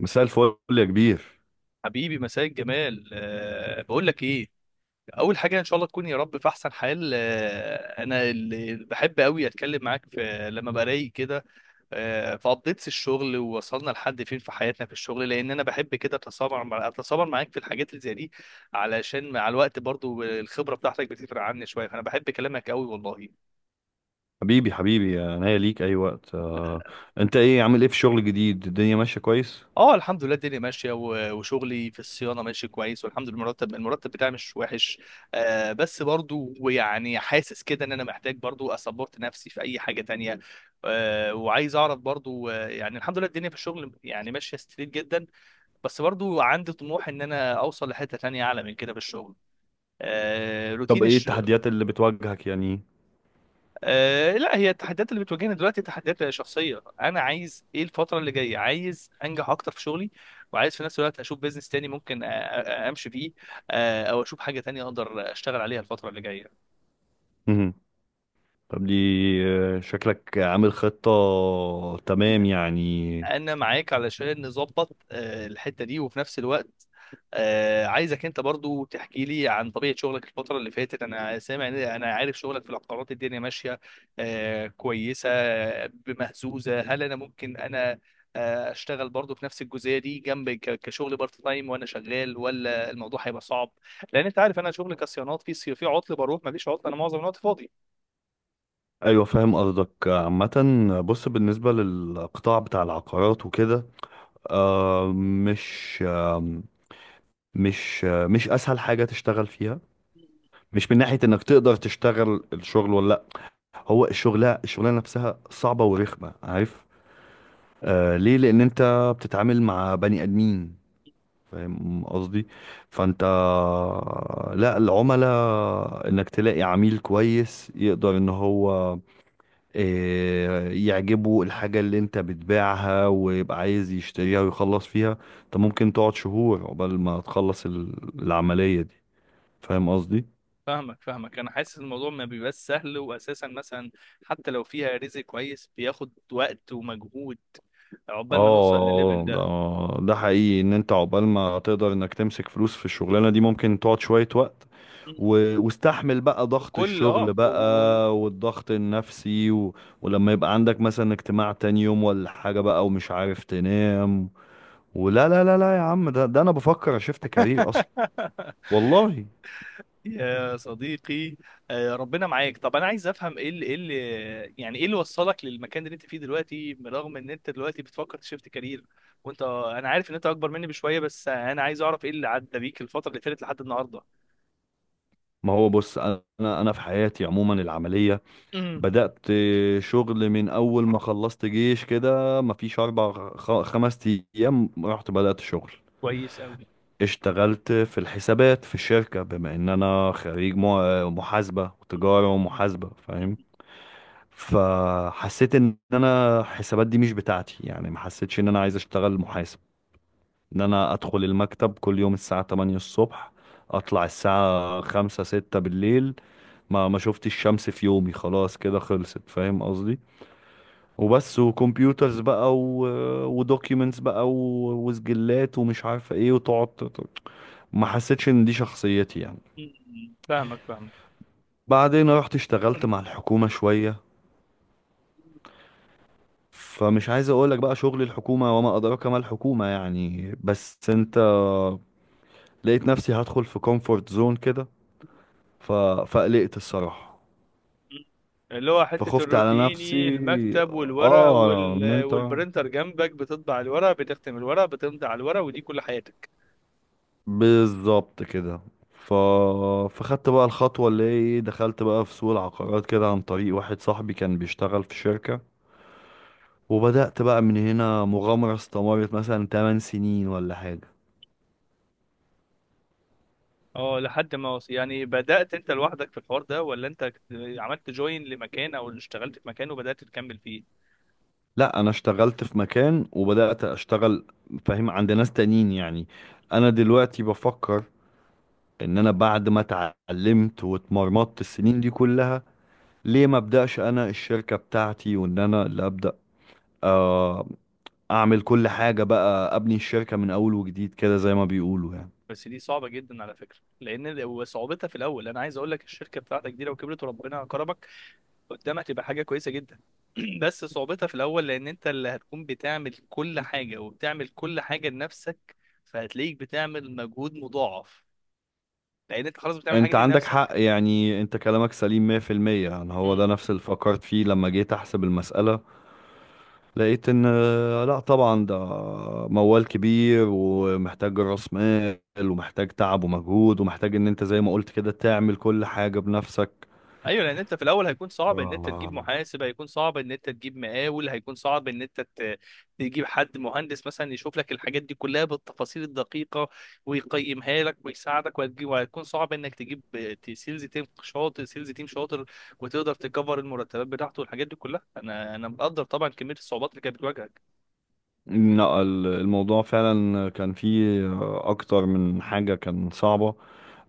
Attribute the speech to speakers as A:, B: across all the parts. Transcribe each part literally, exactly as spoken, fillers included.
A: مساء الفل يا كبير.
B: حبيبي، مساء الجمال. أه بقول لك ايه، اول حاجه ان شاء الله تكون يا رب في احسن حال. أه انا اللي بحب قوي اتكلم معاك في لما برايق كده، أه في ابديتس الشغل، ووصلنا لحد فين في حياتنا في الشغل، لان انا بحب كده اتسامر مع اتسامر معاك في الحاجات اللي زي دي، علشان مع الوقت برضو الخبره بتاعتك بتفرق عني شويه، فانا بحب كلامك قوي والله.
A: حبيبي حبيبي، انا هي ليك اي وقت آه، انت ايه عامل ايه في الشغل الجديد؟ الدنيا ماشيه كويس؟
B: اه، الحمد لله الدنيا ماشيه، و- وشغلي في الصيانه ماشي كويس، والحمد لله المرتب المرتب بتاعي مش وحش. آه بس برضو ويعني حاسس كده ان انا محتاج برضو اسبورت نفسي في اي حاجه تانية. آه وعايز اعرف برضو آه يعني الحمد لله الدنيا في الشغل يعني ماشيه ستريت جدا، بس برضو عندي طموح ان انا اوصل لحته تانية اعلى من كده في الشغل. آه
A: طب
B: روتين.
A: ايه التحديات اللي بتواجهك يعني؟
B: آه لا، هي التحديات اللي بتواجهني دلوقتي تحديات شخصيه. انا عايز ايه الفتره اللي جايه؟ عايز انجح اكتر في شغلي، وعايز في نفس الوقت اشوف بيزنس تاني ممكن أ- أ- امشي فيه، آه او اشوف حاجه تانية اقدر اشتغل عليها الفتره اللي جايه.
A: مهم. طب دي، آه، شكلك عامل خطه، تمام يعني.
B: انا معاك علشان نظبط، آه، الحته دي، وفي نفس الوقت، آه، عايزك انت برضو تحكي لي عن طبيعه شغلك الفتره اللي فاتت. انا سامع إن- انا عارف شغلك في العقارات الدنيا ماشيه، آه، كويسه، آه، بمهزوزه. هل انا ممكن انا آه، اشتغل برضو في نفس الجزئيه دي جنب ك- كشغل بارت تايم وانا شغال، ولا الموضوع هيبقى صعب؟ لان انت عارف انا شغلي كصيانات في صي- في عطل، بروح مفيش عطل، انا معظم الوقت فاضي.
A: ايوه، فاهم قصدك عامه. بص، بالنسبه للقطاع بتاع العقارات وكده، آه، مش آه، مش آه، مش اسهل حاجه تشتغل فيها. مش من ناحيه انك تقدر تشتغل الشغل، ولا هو الشغلة الشغلانة نفسها صعبة ورخمة، عارف؟ آه ليه؟ لأن أنت بتتعامل مع بني آدمين، فاهم قصدي؟ فأنت، لا، العملاء، إنك تلاقي عميل كويس يقدر إن هو آه، يعجبه الحاجة اللي أنت بتبيعها ويبقى عايز يشتريها ويخلص فيها، أنت ممكن تقعد شهور عقبال ما تخلص ال- العملية دي، فاهم قصدي؟
B: فاهمك فاهمك، انا حاسس الموضوع ما بيبقاش سهل، واساسا مثلا حتى لو فيها رزق كويس بياخد وقت ومجهود عقبال ما نوصل
A: اه،
B: للليفل ده.
A: ده ده حقيقي ان انت عقبال ما تقدر انك تمسك فلوس في الشغلانه دي ممكن تقعد شويه وقت،
B: مم.
A: و... واستحمل بقى ضغط
B: وكل
A: الشغل
B: اه و- و- و-
A: بقى والضغط النفسي، و... ولما يبقى عندك مثلا اجتماع تاني يوم ولا حاجه بقى ومش عارف تنام. ولا لا لا لا يا عم، ده ده انا بفكر اشفت كارير اصلا، والله.
B: يا صديقي، آه، ربنا معاك. طب انا عايز افهم ايه اللي ايه اللي يعني ايه اللي وصلك للمكان اللي انت فيه دلوقتي، برغم ان انت دلوقتي بتفكر تشيفت كارير. وانت، انا عارف ان انت اكبر مني بشويه، بس انا عايز اعرف ايه اللي عدى بيك الفتره اللي فاتت لحد النهارده.
A: ما هو بص، انا انا في حياتي عموما العمليه
B: مم.
A: بدأت شغل من أول ما خلصت جيش، كده مفيش أربع خ- خمس أيام، رحت بدأت شغل.
B: كويس قوي.
A: اشتغلت في الحسابات في الشركة، بما إن أنا خريج مع- محاسبة وتجارة ومحاسبة، فاهم. فحسيت إن أنا الحسابات دي مش بتاعتي، يعني ما حسيتش إن أنا عايز أشتغل محاسب، إن أنا أدخل المكتب كل يوم الساعة تمانية الصبح، أطلع الساعة خمسة ستة بالليل، ما ما شفتش الشمس في يومي، خلاص كده خلصت، فاهم قصدي؟ وبس، وكمبيوترز بقى، و... ودوكيومنتس بقى، و... وسجلات، ومش عارف ايه، وتقعد ت- ت- ما حسيتش ان دي شخصيتي يعني.
B: مم. فاهمك فاهمك،
A: بعدين رحت اشتغلت مع الحكومة شوية، فمش عايز اقولك بقى شغل الحكومة، وما ادراك ما الحكومة يعني، بس انت، لقيت نفسي هدخل في كومفورت زون كده، ف... فقلقت الصراحة،
B: اللي هو حتة
A: فخفت على
B: الروتيني،
A: نفسي.
B: المكتب والورق
A: اه ان
B: وال...
A: انت،
B: والبرنتر جنبك بتطبع الورق، بتختم الورق، بتمضي على الورق، ودي كل حياتك.
A: بالظبط كده. ف... فخدت بقى الخطوة اللي هي ايه، دخلت بقى في سوق العقارات كده عن طريق واحد صاحبي كان بيشتغل في شركة، وبدأت بقى من هنا مغامرة استمرت مثلا ثماني سنين ولا حاجة.
B: اه لحد ما وص... يعني بدأت انت لوحدك في الحوار ده، ولا انت كت- عملت جوين لمكان او اشتغلت في مكان وبدأت تكمل فيه؟
A: لا، انا اشتغلت في مكان وبدأت اشتغل، فاهم، عند ناس تانيين يعني. انا دلوقتي بفكر ان انا بعد ما اتعلمت واتمرمطت السنين دي كلها، ليه ما ابدأش انا الشركة بتاعتي وان انا اللي ابدأ آه، اعمل كل حاجة بقى، ابني الشركة من اول وجديد كده، زي ما بيقولوا يعني.
B: بس دي صعبة جدا على فكرة، لان ال- صعوبتها في الاول. انا عايز اقول لك الشركة بتاعتك دي لو كبرت وربنا كرمك قدامك تبقى حاجه كويسه جدا. بس صعوبتها في الاول، لان انت اللي هتكون بتعمل كل حاجه، وبتعمل كل حاجه لنفسك، فهتلاقيك بتعمل مجهود مضاعف لان انت خلاص بتعمل الحاجه
A: انت
B: دي
A: عندك
B: لنفسك.
A: حق يعني، انت كلامك سليم مية بالمية. يعني هو ده نفس اللي فكرت فيه لما جيت احسب المسألة، لقيت ان آه، لا طبعا ده موال كبير، ومحتاج راس مال، ومحتاج تعب ومجهود، ومحتاج ان انت زي ما قلت كده تعمل كل حاجة بنفسك.
B: ايوه، لان انت في الاول هيكون صعب ان انت تجيب
A: آه،
B: محاسب، هيكون صعب ان انت تجيب مقاول، هيكون صعب ان انت ت- تجيب حد مهندس مثلا يشوف لك الحاجات دي كلها بالتفاصيل الدقيقه ويقيمها لك ويساعدك، وهتجيب، وهيكون صعب انك تجيب ت- سيلز تيم شاطر سيلز تيم شاطر وتقدر تكفر المرتبات بتاعته والحاجات دي كلها. انا انا مقدر طبعا كميه الصعوبات اللي كانت بتواجهك.
A: لا ال- الموضوع فعلا كان فيه اكتر من حاجة كان صعبة،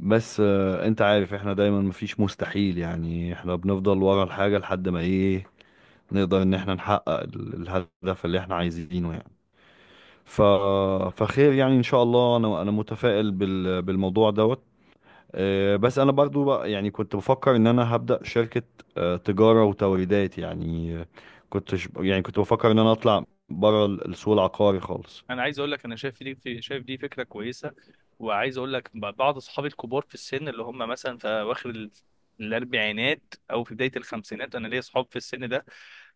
A: بس آه، انت عارف احنا دايما مفيش مستحيل يعني، احنا بنفضل ورا الحاجة لحد ما ايه، نقدر ان احنا نحقق ال- الهدف اللي احنا عايزينه يعني. ف... فخير يعني ان شاء الله، انا انا متفائل بال... بالموضوع دوت. آه، بس انا برضو بقى يعني كنت بفكر ان انا هبدأ شركة، آه، تجارة وتوريدات يعني، آه، كنت ش- يعني كنت بفكر ان انا اطلع بره ال- السوق العقاري خالص.
B: انا عايز اقول لك انا شايف دي في شايف دي فكره كويسه. وعايز اقول لك ب- بعض اصحابي الكبار في السن، اللي هم مثلا في اواخر ال- الاربعينات، او في بدايه الخمسينات، انا ليا اصحاب في السن ده.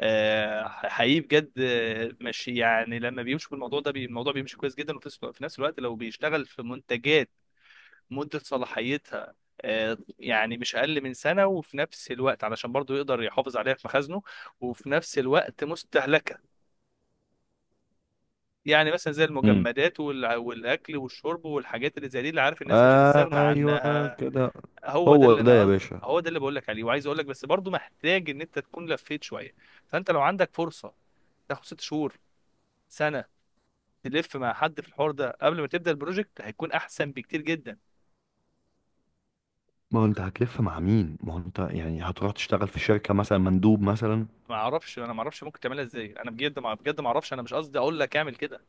B: آه، حقيقي بجد، آه، ماشي، يعني لما بيمشوا بالموضوع ده بي- الموضوع بيمشي كويس جدا. وفي نفس في نفس الوقت لو بيشتغل في منتجات مده صلاحيتها آه، يعني مش اقل من سنه، وفي نفس الوقت علشان برضه يقدر يحافظ عليها في مخازنه، وفي نفس الوقت مستهلكه، يعني مثلا زي
A: امم.
B: المجمدات والع- والاكل والشرب والحاجات اللي زي دي، اللي عارف الناس مش هتستغنى
A: ايوه
B: عنها.
A: كده.
B: هو ده
A: هو
B: اللي
A: ده
B: انا
A: يا
B: قصدي.
A: باشا.
B: هو ده اللي بقول لك عليه. وعايز اقول لك، بس برضو محتاج ان انت تكون لفيت شويه، فانت لو عندك فرصه تاخد ست شهور، سنه، تلف مع حد في الحوار ده قبل ما تبدا البروجكت هيكون احسن بكتير جدا.
A: ما هو انت هتلف مع مين، ما هو انت يعني هتروح تشتغل في شركة مثلا مندوب مثلا.
B: ما اعرفش، انا ما اعرفش ممكن تعملها ازاي، انا بجد ما بجد ما اعرفش، انا مش قصدي اقول لك اعمل كده.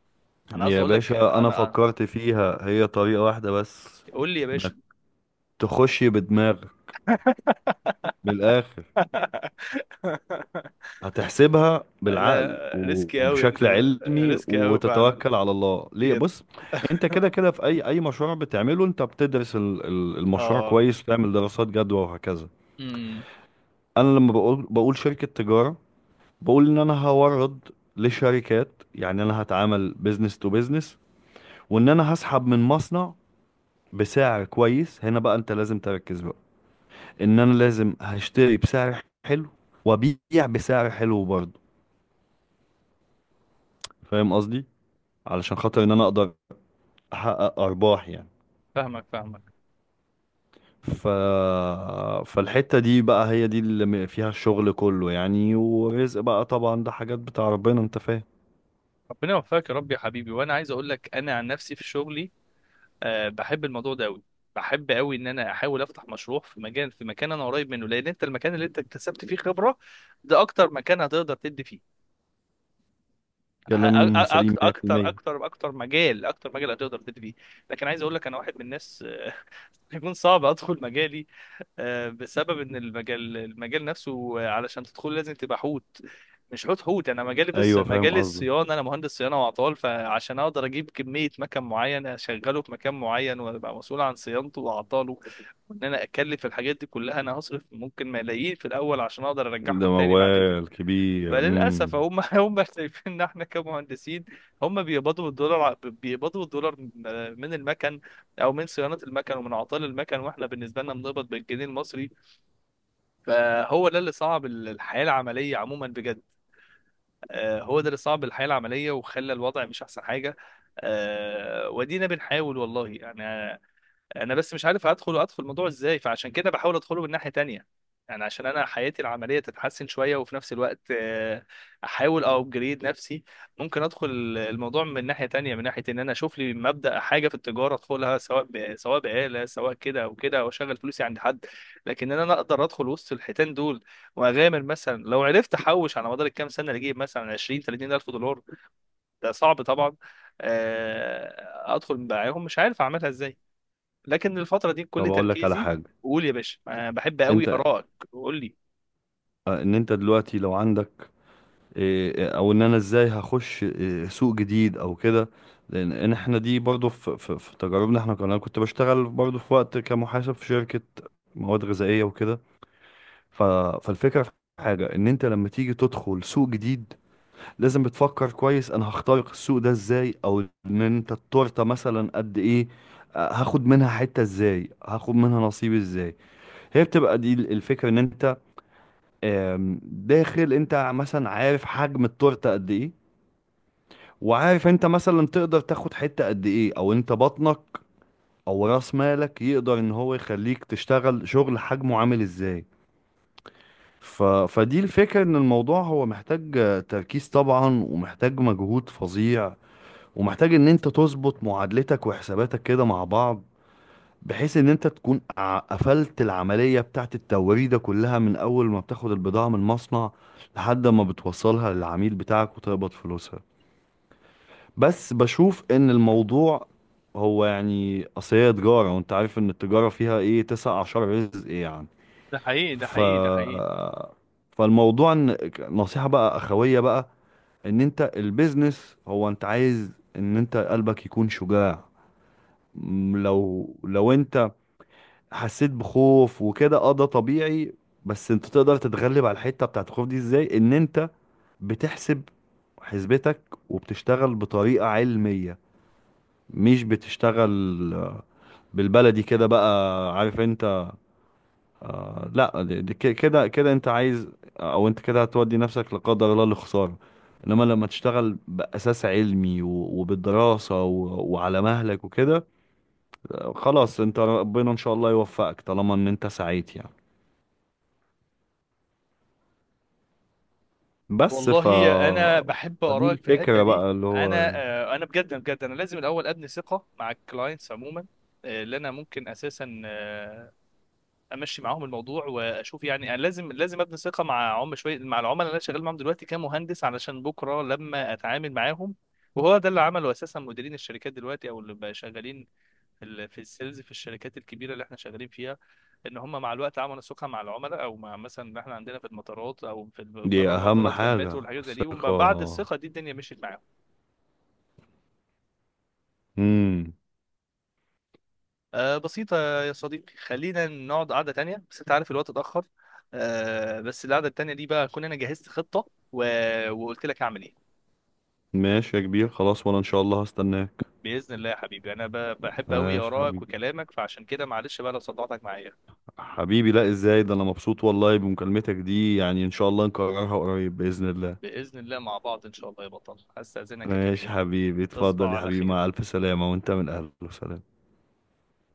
B: انا قصدي
A: يا
B: اقول لك
A: باشا، انا
B: انا آه،
A: فكرت فيها هي طريقة واحدة بس،
B: قول لي يا باشا.
A: انك تخش بدماغك بالاخر، هتحسبها
B: لا
A: بالعقل و-
B: ريسكي قوي انت،
A: وبشكل
B: ده
A: علمي،
B: ريسكي قوي فعلا،
A: وتتوكل على الله. ليه؟
B: بجد.
A: بص، انت كده كده في اي اي مشروع بتعمله، انت بتدرس ال- ال- المشروع
B: اه.
A: كويس، وتعمل دراسات جدوى وهكذا.
B: امم
A: انا لما بقول بقول شركة تجارة، بقول ان انا هورد لشركات، يعني انا هتعامل بزنس تو بزنس، وان انا هسحب من مصنع بسعر كويس. هنا بقى انت لازم تركز بقى، ان انا لازم هشتري بسعر حلو وابيع بسعر حلو برضه، فاهم قصدي؟ علشان خاطر ان انا اقدر احقق ارباح يعني.
B: فاهمك فاهمك.
A: ف... فالحتة دي بقى هي دي اللي م- فيها الشغل كله يعني، ورزق بقى طبعا، ده حاجات بتاع ربنا، انت فاهم.
B: ربنا يوفقك يا رب يا حبيبي. وانا عايز اقول لك انا عن نفسي في شغلي، أه بحب الموضوع ده قوي، بحب قوي ان انا احاول افتح مشروع في مجال في مكان انا قريب منه. لان انت المكان اللي انت اكتسبت فيه خبرة ده اكتر مكان هتقدر تدي فيه
A: كلام سليم
B: اكتر اكتر
A: مية بالمية.
B: اكتر اكتر. مجال اكتر، مجال هتقدر تبتدي فيه. لكن عايز اقول لك انا واحد من الناس يكون صعب ادخل مجالي، آه، بسبب ان المجال المجال نفسه. آه، علشان تدخل لازم تبقى حوت، مش حوت حوت. انا مجالي بس
A: ايوه فاهم
B: مجال
A: قصدك.
B: الصيانه، انا مهندس صيانه واعطال، فعشان اقدر اجيب كميه مكن معين اشغله في مكان معين، وابقى مسؤول عن صيانته واعطاله، وان انا اكلف الحاجات دي كلها انا هصرف ممكن ملايين في الاول عشان اقدر
A: ده
B: ارجعهم تاني بعد كده.
A: موال كبير.
B: فللاسف
A: امم
B: هم هم شايفين ان احنا كمهندسين، هم بيقبضوا الدولار ع- بيقبضوا الدولار م- من المكن، او من صيانه المكن، ومن اعطال المكن، واحنا بالنسبه لنا بنقبض بالجنيه المصري. فهو ده اللي صعب ال- الحياه العمليه عموما بجد. آه، هو ده اللي صعب الحياه العمليه وخلى الوضع مش احسن حاجه. آه، ودينا بنحاول والله يعني. انا بس مش عارف هدخل ادخل الموضوع ازاي، فعشان كده بحاول ادخله من ناحيه تانية، يعني عشان انا حياتي العمليه تتحسن شويه، وفي نفس الوقت آه، احاول ابجريد نفسي. ممكن ادخل الموضوع من ناحيه تانية، من ناحيه ان انا اشوف لي مبدا حاجه في التجاره ادخلها، سواء ب... سواء بآلة، سواء كده او كده، او اشغل فلوسي عند حد. لكن ان انا اقدر ادخل وسط الحيتان دول واغامر، مثلا لو عرفت احوش على مدار الكام سنه اللي اجيب مثلا عشرين تلاتين الف دولار، ده صعب طبعا. آه، ادخل معاهم مش عارف اعملها ازاي، لكن الفترة دي كل
A: طب اقول لك على
B: تركيزي.
A: حاجة.
B: قول يا باشا، أنا بحب قوي
A: انت،
B: آرائك، قول لي.
A: آه، ان انت دلوقتي لو عندك إيه، او ان انا ازاي هخش إيه، سوق جديد او كده؟ لان إن احنا دي برضو في, في, في تجاربنا، احنا كنا- انا كنت بشتغل برضو في وقت كمحاسب في شركة مواد غذائية وكده، ف- فالفكرة في حاجة، ان انت لما تيجي تدخل سوق جديد لازم بتفكر كويس، انا هخترق السوق ده ازاي، او ان انت التورتة مثلا قد ايه، آه، هاخد منها حتة ازاي، هاخد منها نصيب ازاي. هي بتبقى دي الفكرة، ان انت آم، داخل، انت مثلا عارف حجم التورتة قد ايه، وعارف انت مثلا تقدر تاخد حتة قد ايه، او انت بطنك او راس مالك يقدر ان هو يخليك تشتغل شغل حجمه عامل ازاي. ف... فدي الفكرة، ان الموضوع هو محتاج تركيز طبعا، ومحتاج مجهود فظيع، ومحتاج ان انت تظبط معادلتك وحساباتك كده مع بعض، بحيث ان انت تكون ع- قفلت العملية بتاعت التوريدة كلها من اول ما بتاخد البضاعة من المصنع لحد ما بتوصلها للعميل بتاعك وتقبض فلوسها. بس بشوف ان الموضوع هو يعني اصل هي تجارة، وانت عارف ان التجارة فيها ايه تسع اعشار رزق يعني.
B: ده حقيقي ده
A: ف
B: حقيقي ده حقيقي.
A: فالموضوع ان نصيحة بقى اخوية بقى، ان انت البيزنس هو انت عايز ان انت قلبك يكون شجاع. م، لو لو انت حسيت بخوف وكده، اه، ده طبيعي. بس انت تقدر تتغلب على الحتة بتاعت الخوف دي ازاي، ان انت بتحسب حسبتك وبتشتغل بطريقة علمية، مش بتشتغل بالبلدي كده بقى، عارف انت. لا دي- دي ك- كده كده انت عايز، او انت كده هتودي نفسك لا قدر الله لخسارة، انما لما تشتغل بأساس علمي و- وبالدراسة و- وعلى مهلك وكده، خلاص انت ربنا ان شاء الله يوفقك طالما ان انت سعيت يعني. بس ف
B: والله انا بحب
A: فدي
B: آرائك في الحتة
A: الفكرة
B: دي.
A: بقى اللي هو،
B: انا آه، انا بجد بجد انا لازم الاول ابني ثقة مع الكلاينتس عموما، آه، اللي انا ممكن اساسا آه، امشي معاهم الموضوع واشوف. يعني انا لازم لازم ابني ثقة مع عم شوية مع العملاء اللي انا شغال معاهم دلوقتي كمهندس، علشان بكرة لما اتعامل معاهم. وهو ده اللي عمله اساسا مديرين الشركات دلوقتي، او اللي بقى شغالين في ال- في السيلز في الشركات الكبيره اللي احنا شغالين فيها. ان هم مع الوقت عملوا سوقها مع العملاء، او مع مثلا إن احنا عندنا في المطارات او في ال-
A: دي
B: بره
A: اهم
B: المطارات، في المترو
A: حاجة
B: والحاجات زي دي.
A: الثقة.
B: وبعد الثقه دي الدنيا مشيت معاهم.
A: امم.
B: آه، بسيطه. يا صديقي، خلينا نقعد قعده تانية، بس انت عارف الوقت اتاخر. آه، بس القعده التانية دي بقى اكون انا جهزت خطه و... وقلت لك اعمل ايه.
A: ماشي يا كبير خلاص، وانا ان شاء الله هستناك.
B: باذن الله يا حبيبي، انا ب... بحب قوي
A: ماشي
B: ارائك
A: حبيبي.
B: وكلامك، فعشان كده معلش بقى لو صدعتك معايا.
A: حبيبي، لا ازاي، ده انا مبسوط والله بمكالمتك دي يعني، ان شاء الله نكررها قريب بإذن الله.
B: باذن الله مع بعض ان شاء الله يا بطل، هستاذنك يا
A: ماشي
B: كبير.
A: حبيبي،
B: تصبح
A: اتفضل يا
B: على
A: حبيبي،
B: خير.
A: مع الف سلامة، وانت من اهل وسلام.